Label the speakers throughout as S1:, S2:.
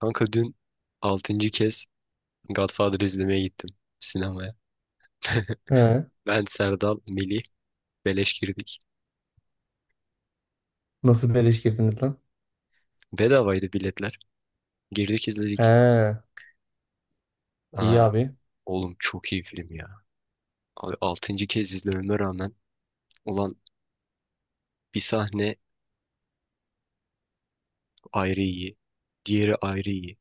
S1: Kanka dün altıncı kez Godfather izlemeye gittim sinemaya.
S2: He.
S1: Ben, Serdal, Melih beleş girdik.
S2: Nasıl beleş girdiniz lan?
S1: Bedavaydı biletler. Girdik, izledik.
S2: He. iyi
S1: Aa,
S2: abi.
S1: oğlum çok iyi film ya. Abi 6. kez izlememe rağmen, ulan, bir sahne ayrı iyi. Diğeri ayrı iyi.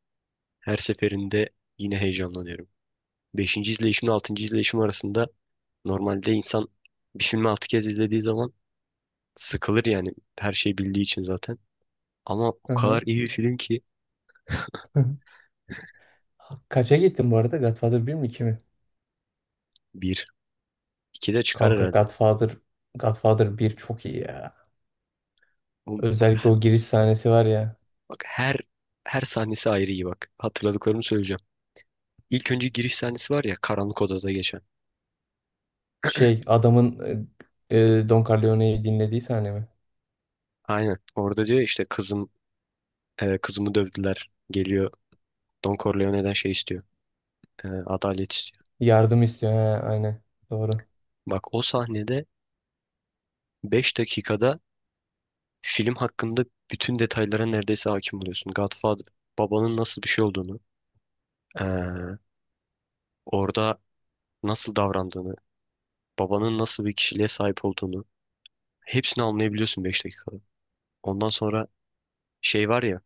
S1: Her seferinde yine heyecanlanıyorum. Beşinci izleyişimle altıncı izleyişim arasında normalde insan bir filmi 6 kez izlediği zaman sıkılır yani, her şeyi bildiği için zaten. Ama o
S2: Hı
S1: kadar
S2: hı.
S1: iyi bir film ki.
S2: Kaça gittin bu arada? Godfather bir mi 2 mi?
S1: Bir. İki de çıkar
S2: Kanka
S1: herhalde.
S2: Godfather bir çok iyi ya.
S1: Oğlum,
S2: Özellikle
S1: Bak
S2: o giriş sahnesi var ya.
S1: bak her sahnesi ayrı iyi, bak. Hatırladıklarımı söyleyeceğim. İlk önce giriş sahnesi var ya, karanlık odada geçen.
S2: Şey adamın Don Corleone'yi dinlediği sahne mi?
S1: Aynen. Orada diyor işte, kızımı dövdüler. Geliyor, Don Corleone'den şey istiyor. Adalet istiyor.
S2: Yardım istiyor. He, aynen. Doğru.
S1: Bak, o sahnede 5 dakikada film hakkında bütün detaylara neredeyse hakim oluyorsun. Godfather babanın nasıl bir şey olduğunu, e, orada nasıl davrandığını, babanın nasıl bir kişiliğe sahip olduğunu hepsini anlayabiliyorsun 5 dakikada. Ondan sonra şey var ya,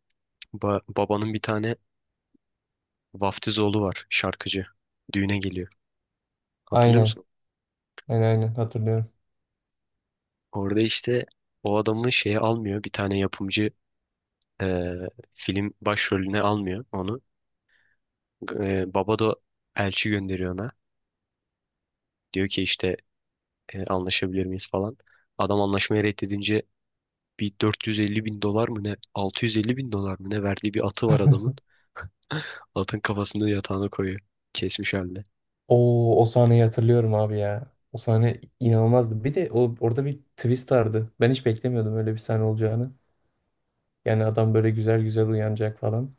S1: babanın bir tane vaftiz oğlu var, şarkıcı. Düğüne geliyor. Hatırlıyor
S2: Aynen.
S1: musun?
S2: Aynen aynen hatırlıyorum.
S1: Orada işte o adamı şeye almıyor. Bir tane yapımcı e, film başrolüne almıyor onu. Baba da elçi gönderiyor ona. Diyor ki işte anlaşabilir miyiz falan. Adam anlaşmayı reddedince bir 450 bin dolar mı ne, 650 bin dolar mı ne verdiği bir atı var adamın. Atın kafasını yatağına koyuyor, kesmiş halde.
S2: O sahneyi hatırlıyorum abi ya. O sahne inanılmazdı. Bir de o orada bir twist vardı. Ben hiç beklemiyordum öyle bir sahne olacağını. Yani adam böyle güzel güzel uyanacak falan.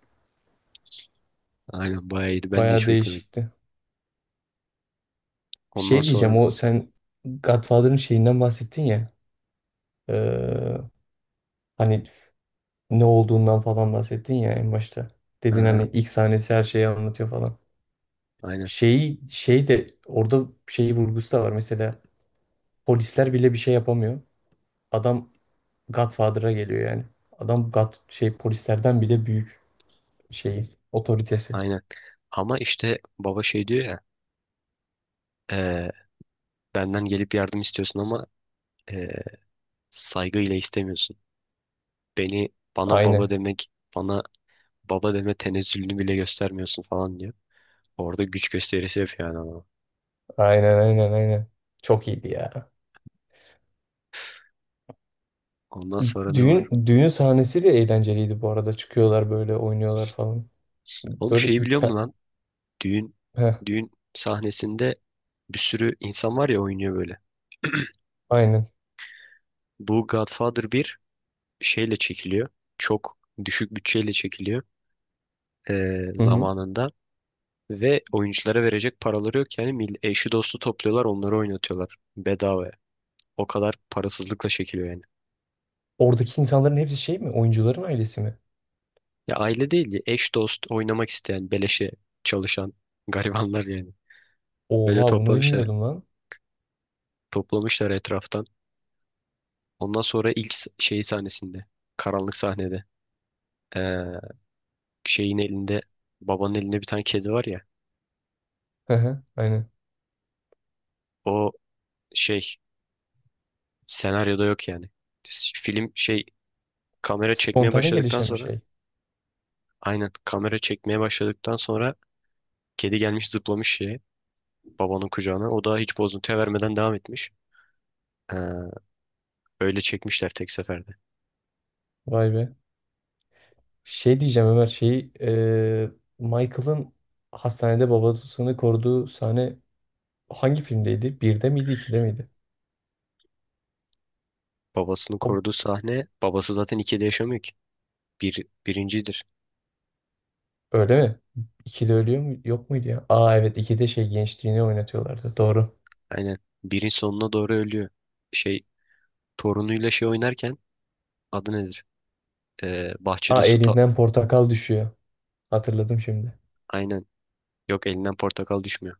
S1: Aynen, bayağı iyiydi. Ben de
S2: Baya
S1: hiç beklemedim.
S2: değişikti.
S1: Ondan
S2: Şey
S1: sonra,
S2: diyeceğim o sen Godfather'ın şeyinden bahsettin ya. Ee, Hani ne olduğundan falan bahsettin ya en başta. Dedin
S1: ha,
S2: hani ilk sahnesi her şeyi anlatıyor falan.
S1: aynen,
S2: Şeyi şey de orada şeyi vurgusu da var. Mesela polisler bile bir şey yapamıyor. Adam Godfather'a geliyor yani. Adam şey, polislerden bile büyük şeyi, otoritesi.
S1: aynen. Ama işte baba şey diyor ya, e, benden gelip yardım istiyorsun ama e, saygıyla istemiyorsun. Beni bana baba
S2: Aynen.
S1: demek bana baba deme tenezzülünü bile göstermiyorsun falan diyor. Orada güç gösterisi yapıyor yani, ama.
S2: Aynen aynen aynen. Çok iyiydi ya.
S1: Ondan sonra ne var?
S2: Düğün sahnesi de eğlenceliydi bu arada. Çıkıyorlar böyle oynuyorlar falan.
S1: Oğlum,
S2: Böyle
S1: şeyi biliyor musun
S2: ita...
S1: lan? Düğün
S2: Heh,
S1: düğün sahnesinde bir sürü insan var ya, oynuyor böyle.
S2: aynen.
S1: Bu Godfather bir şeyle çekiliyor. Çok düşük bütçeyle çekiliyor
S2: Hı hı.
S1: zamanında. Ve oyunculara verecek paraları yok yani, eşi dostu topluyorlar, onları oynatıyorlar bedavaya. O kadar parasızlıkla çekiliyor yani.
S2: Oradaki insanların hepsi şey mi? Oyuncuların ailesi mi?
S1: Ya aile değil, ya eş dost oynamak isteyen, beleşe çalışan garibanlar yani. Öyle
S2: Oha, bunu
S1: toplamışlar.
S2: bilmiyordum lan.
S1: Toplamışlar etraftan. Ondan sonra ilk s- şey sahnesinde, karanlık sahnede, ee, şeyin elinde babanın elinde bir tane kedi var ya.
S2: Hı hı, aynen.
S1: O şey senaryoda yok yani. S- Film şey kamera çekmeye
S2: Spontane
S1: başladıktan
S2: gelişen bir
S1: sonra,
S2: şey.
S1: aynen kamera çekmeye başladıktan sonra kedi gelmiş, zıplamış şeye, babanın kucağına. O da hiç bozuntuya vermeden devam etmiş. Ee, Öyle çekmişler tek seferde.
S2: Vay be. Şey diyeceğim Ömer, şey, Michael'ın hastanede babasını koruduğu sahne hangi filmdeydi? Birde miydi, ikide miydi?
S1: Babasını
S2: O,
S1: koruduğu sahne, babası zaten ikide yaşamıyor ki. Bir, birincidir.
S2: öyle mi? İkide ölüyor mu? Yok muydu ya? Aa, evet, ikide şey, gençliğini oynatıyorlardı. Doğru.
S1: Aynen. Birin sonuna doğru ölüyor. Şey torunuyla şey oynarken, adı nedir? Bahçede
S2: Aa,
S1: su ta-.
S2: elinden portakal düşüyor. Hatırladım şimdi.
S1: Aynen. Yok, elinden portakal düşmüyor.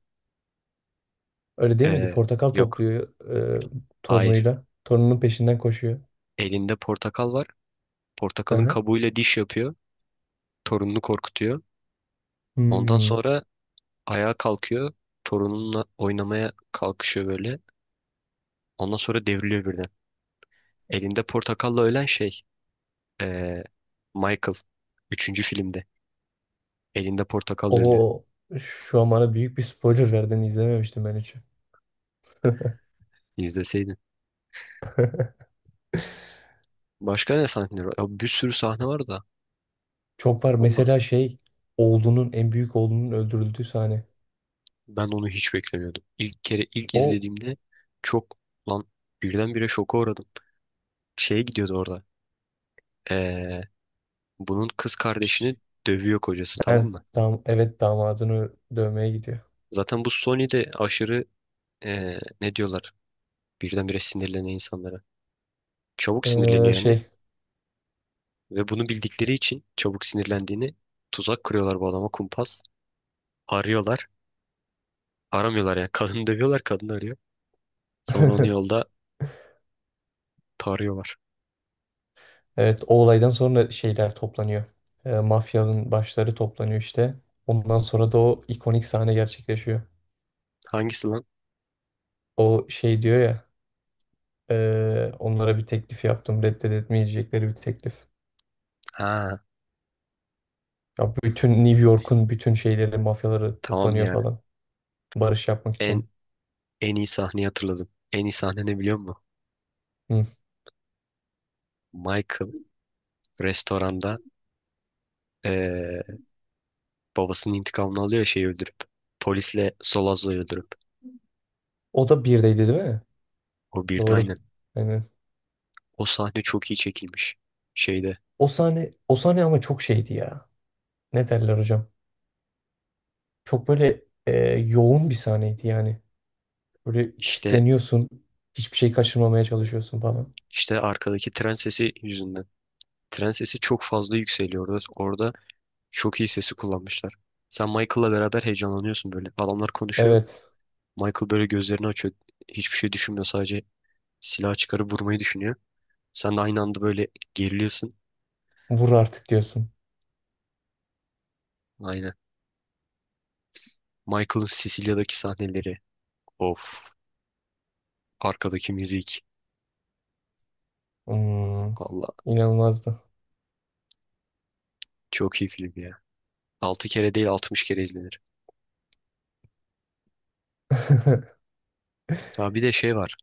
S2: Öyle değil miydi?
S1: Ee,
S2: Portakal
S1: Yok.
S2: topluyor e,
S1: Hayır.
S2: torunuyla. Torununun peşinden koşuyor.
S1: Elinde portakal var.
S2: Hı
S1: Portakalın
S2: hı.
S1: kabuğuyla diş yapıyor. Torununu korkutuyor. Ondan
S2: Hmm.
S1: sonra ayağa kalkıyor. Torununla oynamaya kalkışıyor böyle. Ondan sonra devriliyor birden. Elinde portakalla ölen şey, ee, Michael. Üçüncü filmde. Elinde portakalla ölüyor.
S2: O şu an bana büyük bir spoiler verdin. İzlememiştim ben hiç.
S1: İzleseydin. Başka ne sahneler var? Ya bir sürü sahne var da.
S2: Çok var.
S1: Valla,
S2: Mesela şey, en büyük oğlunun öldürüldüğü sahne.
S1: ben onu hiç beklemiyordum. İlk kere ilk
S2: O.
S1: izlediğimde çok, lan, birdenbire şoka uğradım. Şeye gidiyordu orada, ee, bunun kız
S2: Ş-
S1: kardeşini dövüyor kocası, tamam
S2: Yani,
S1: mı?
S2: evet, damadını dövmeye gidiyor.
S1: Zaten bu Sony de aşırı, ne diyorlar? Birdenbire sinirlenen insanlara. Çabuk sinirleniyor yani.
S2: Şey,
S1: Ve bunu bildikleri için çabuk sinirlendiğini, tuzak kuruyorlar bu adama, kumpas. Arıyorlar. Aramıyorlar yani. Kadını dövüyorlar. Kadını arıyor. Sonra onu yolda tarıyorlar.
S2: evet, o olaydan sonra şeyler toplanıyor. Mafyanın başları toplanıyor işte. Ondan sonra da o ikonik sahne gerçekleşiyor.
S1: Hangisi lan?
S2: O şey diyor ya: Onlara bir teklif yaptım, reddedemeyecekleri bir teklif."
S1: Ha,
S2: Ya, bütün New York'un bütün şeyleri, mafyaları
S1: tamam
S2: toplanıyor
S1: ya.
S2: falan, barış yapmak
S1: En
S2: için.
S1: en iyi sahneyi hatırladım. En iyi sahne ne biliyor musun?
S2: Hı.
S1: Michael restoranda, eee, babasının intikamını alıyor ya şeyi öldürüp. Polisle Solazzo'yu öldürüp.
S2: O da birdeydi değil mi?
S1: O birde,
S2: Doğru.
S1: aynen.
S2: Aynen.
S1: O sahne çok iyi çekilmiş. Şeyde
S2: O sahne ama çok şeydi ya. Ne derler hocam? Çok böyle yoğun bir sahneydi yani. Böyle
S1: işte
S2: kilitleniyorsun. Hiçbir şey kaçırmamaya çalışıyorsun falan.
S1: İşte arkadaki tren sesi yüzünden. Tren sesi çok fazla yükseliyor orada. Orada çok iyi sesi kullanmışlar. Sen Michael'la beraber heyecanlanıyorsun böyle. Adamlar konuşuyor.
S2: Evet.
S1: Michael böyle gözlerini açıyor. Hiçbir şey düşünmüyor. Sadece silah çıkarıp vurmayı düşünüyor. Sen de aynı anda böyle geriliyorsun.
S2: Vur artık diyorsun.
S1: Aynen. Michael'ın Sicilya'daki sahneleri. Of. Arkadaki müzik.
S2: Hmm,
S1: Valla.
S2: inanılmazdı.
S1: Çok iyi film ya. 6 kere değil, 60 kere izlenir. Ha, bir de şey var.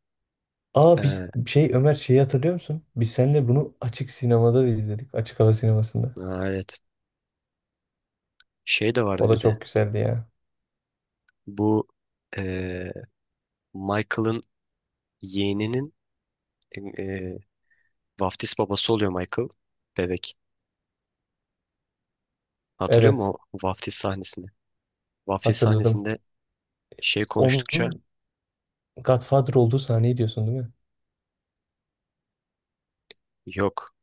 S2: Aa, biz
S1: Ee,
S2: şey, Ömer, şeyi hatırlıyor musun? Biz seninle bunu açık sinemada da izledik. Açık hava sinemasında.
S1: ha, evet. Şey de
S2: O
S1: vardı
S2: da
S1: bir de.
S2: çok güzeldi ya.
S1: Bu ee, Michael'ın yeğeninin e, vaftiz babası oluyor Michael, bebek. Hatırlıyor musun
S2: Evet,
S1: o vaftiz sahnesini? Vaftiz
S2: hatırladım.
S1: sahnesinde şey konuştukça,
S2: Onun Godfather olduğu sahneyi diyorsun değil mi?
S1: yok,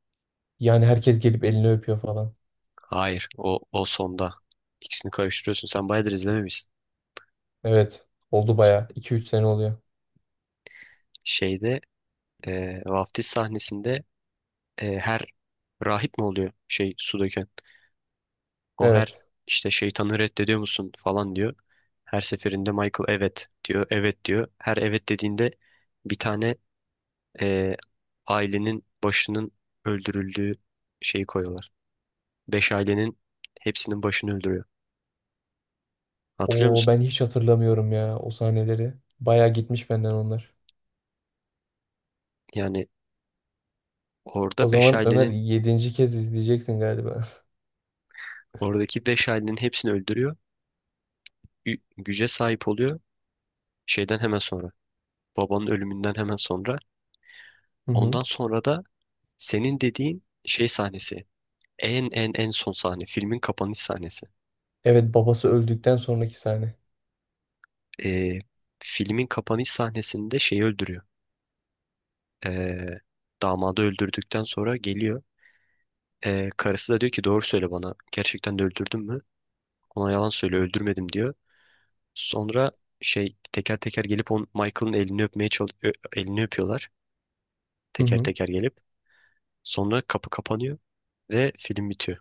S2: Yani herkes gelip elini öpüyor falan.
S1: hayır, o, o sonda. İkisini karıştırıyorsun. Sen bayağıdır izlememişsin.
S2: Evet, oldu bayağı, iki üç sene oluyor.
S1: Şeyde, vaftiz sahnesinde, her rahip mi oluyor şey su döken? O her
S2: Evet.
S1: işte şeytanı reddediyor musun falan diyor. Her seferinde Michael evet diyor, evet diyor. Her evet dediğinde bir tane, e, ailenin başının öldürüldüğü şeyi koyuyorlar. Beş ailenin hepsinin başını öldürüyor. Hatırlıyor
S2: O
S1: musun?
S2: ben hiç hatırlamıyorum ya o sahneleri. Bayağı gitmiş benden onlar.
S1: Yani
S2: O
S1: orada beş
S2: zaman Ömer,
S1: ailenin,
S2: yedinci kez izleyeceksin galiba.
S1: oradaki beş ailenin hepsini öldürüyor. Güce sahip oluyor şeyden hemen sonra. Babanın ölümünden hemen sonra.
S2: Hı hı.
S1: Ondan sonra da senin dediğin şey sahnesi. En en son sahne. Filmin kapanış sahnesi.
S2: Evet, babası öldükten sonraki sahne.
S1: E, Filmin kapanış sahnesinde şeyi öldürüyor. E, Damadı öldürdükten sonra geliyor. Karısı da diyor ki, doğru söyle bana. Gerçekten de öldürdün mü? Ona yalan söyle, öldürmedim diyor. Sonra şey teker teker gelip on Michael'ın elini öpmeye elini öpüyorlar.
S2: Hı
S1: Teker
S2: hı.
S1: teker gelip. Sonra kapı kapanıyor ve film bitiyor.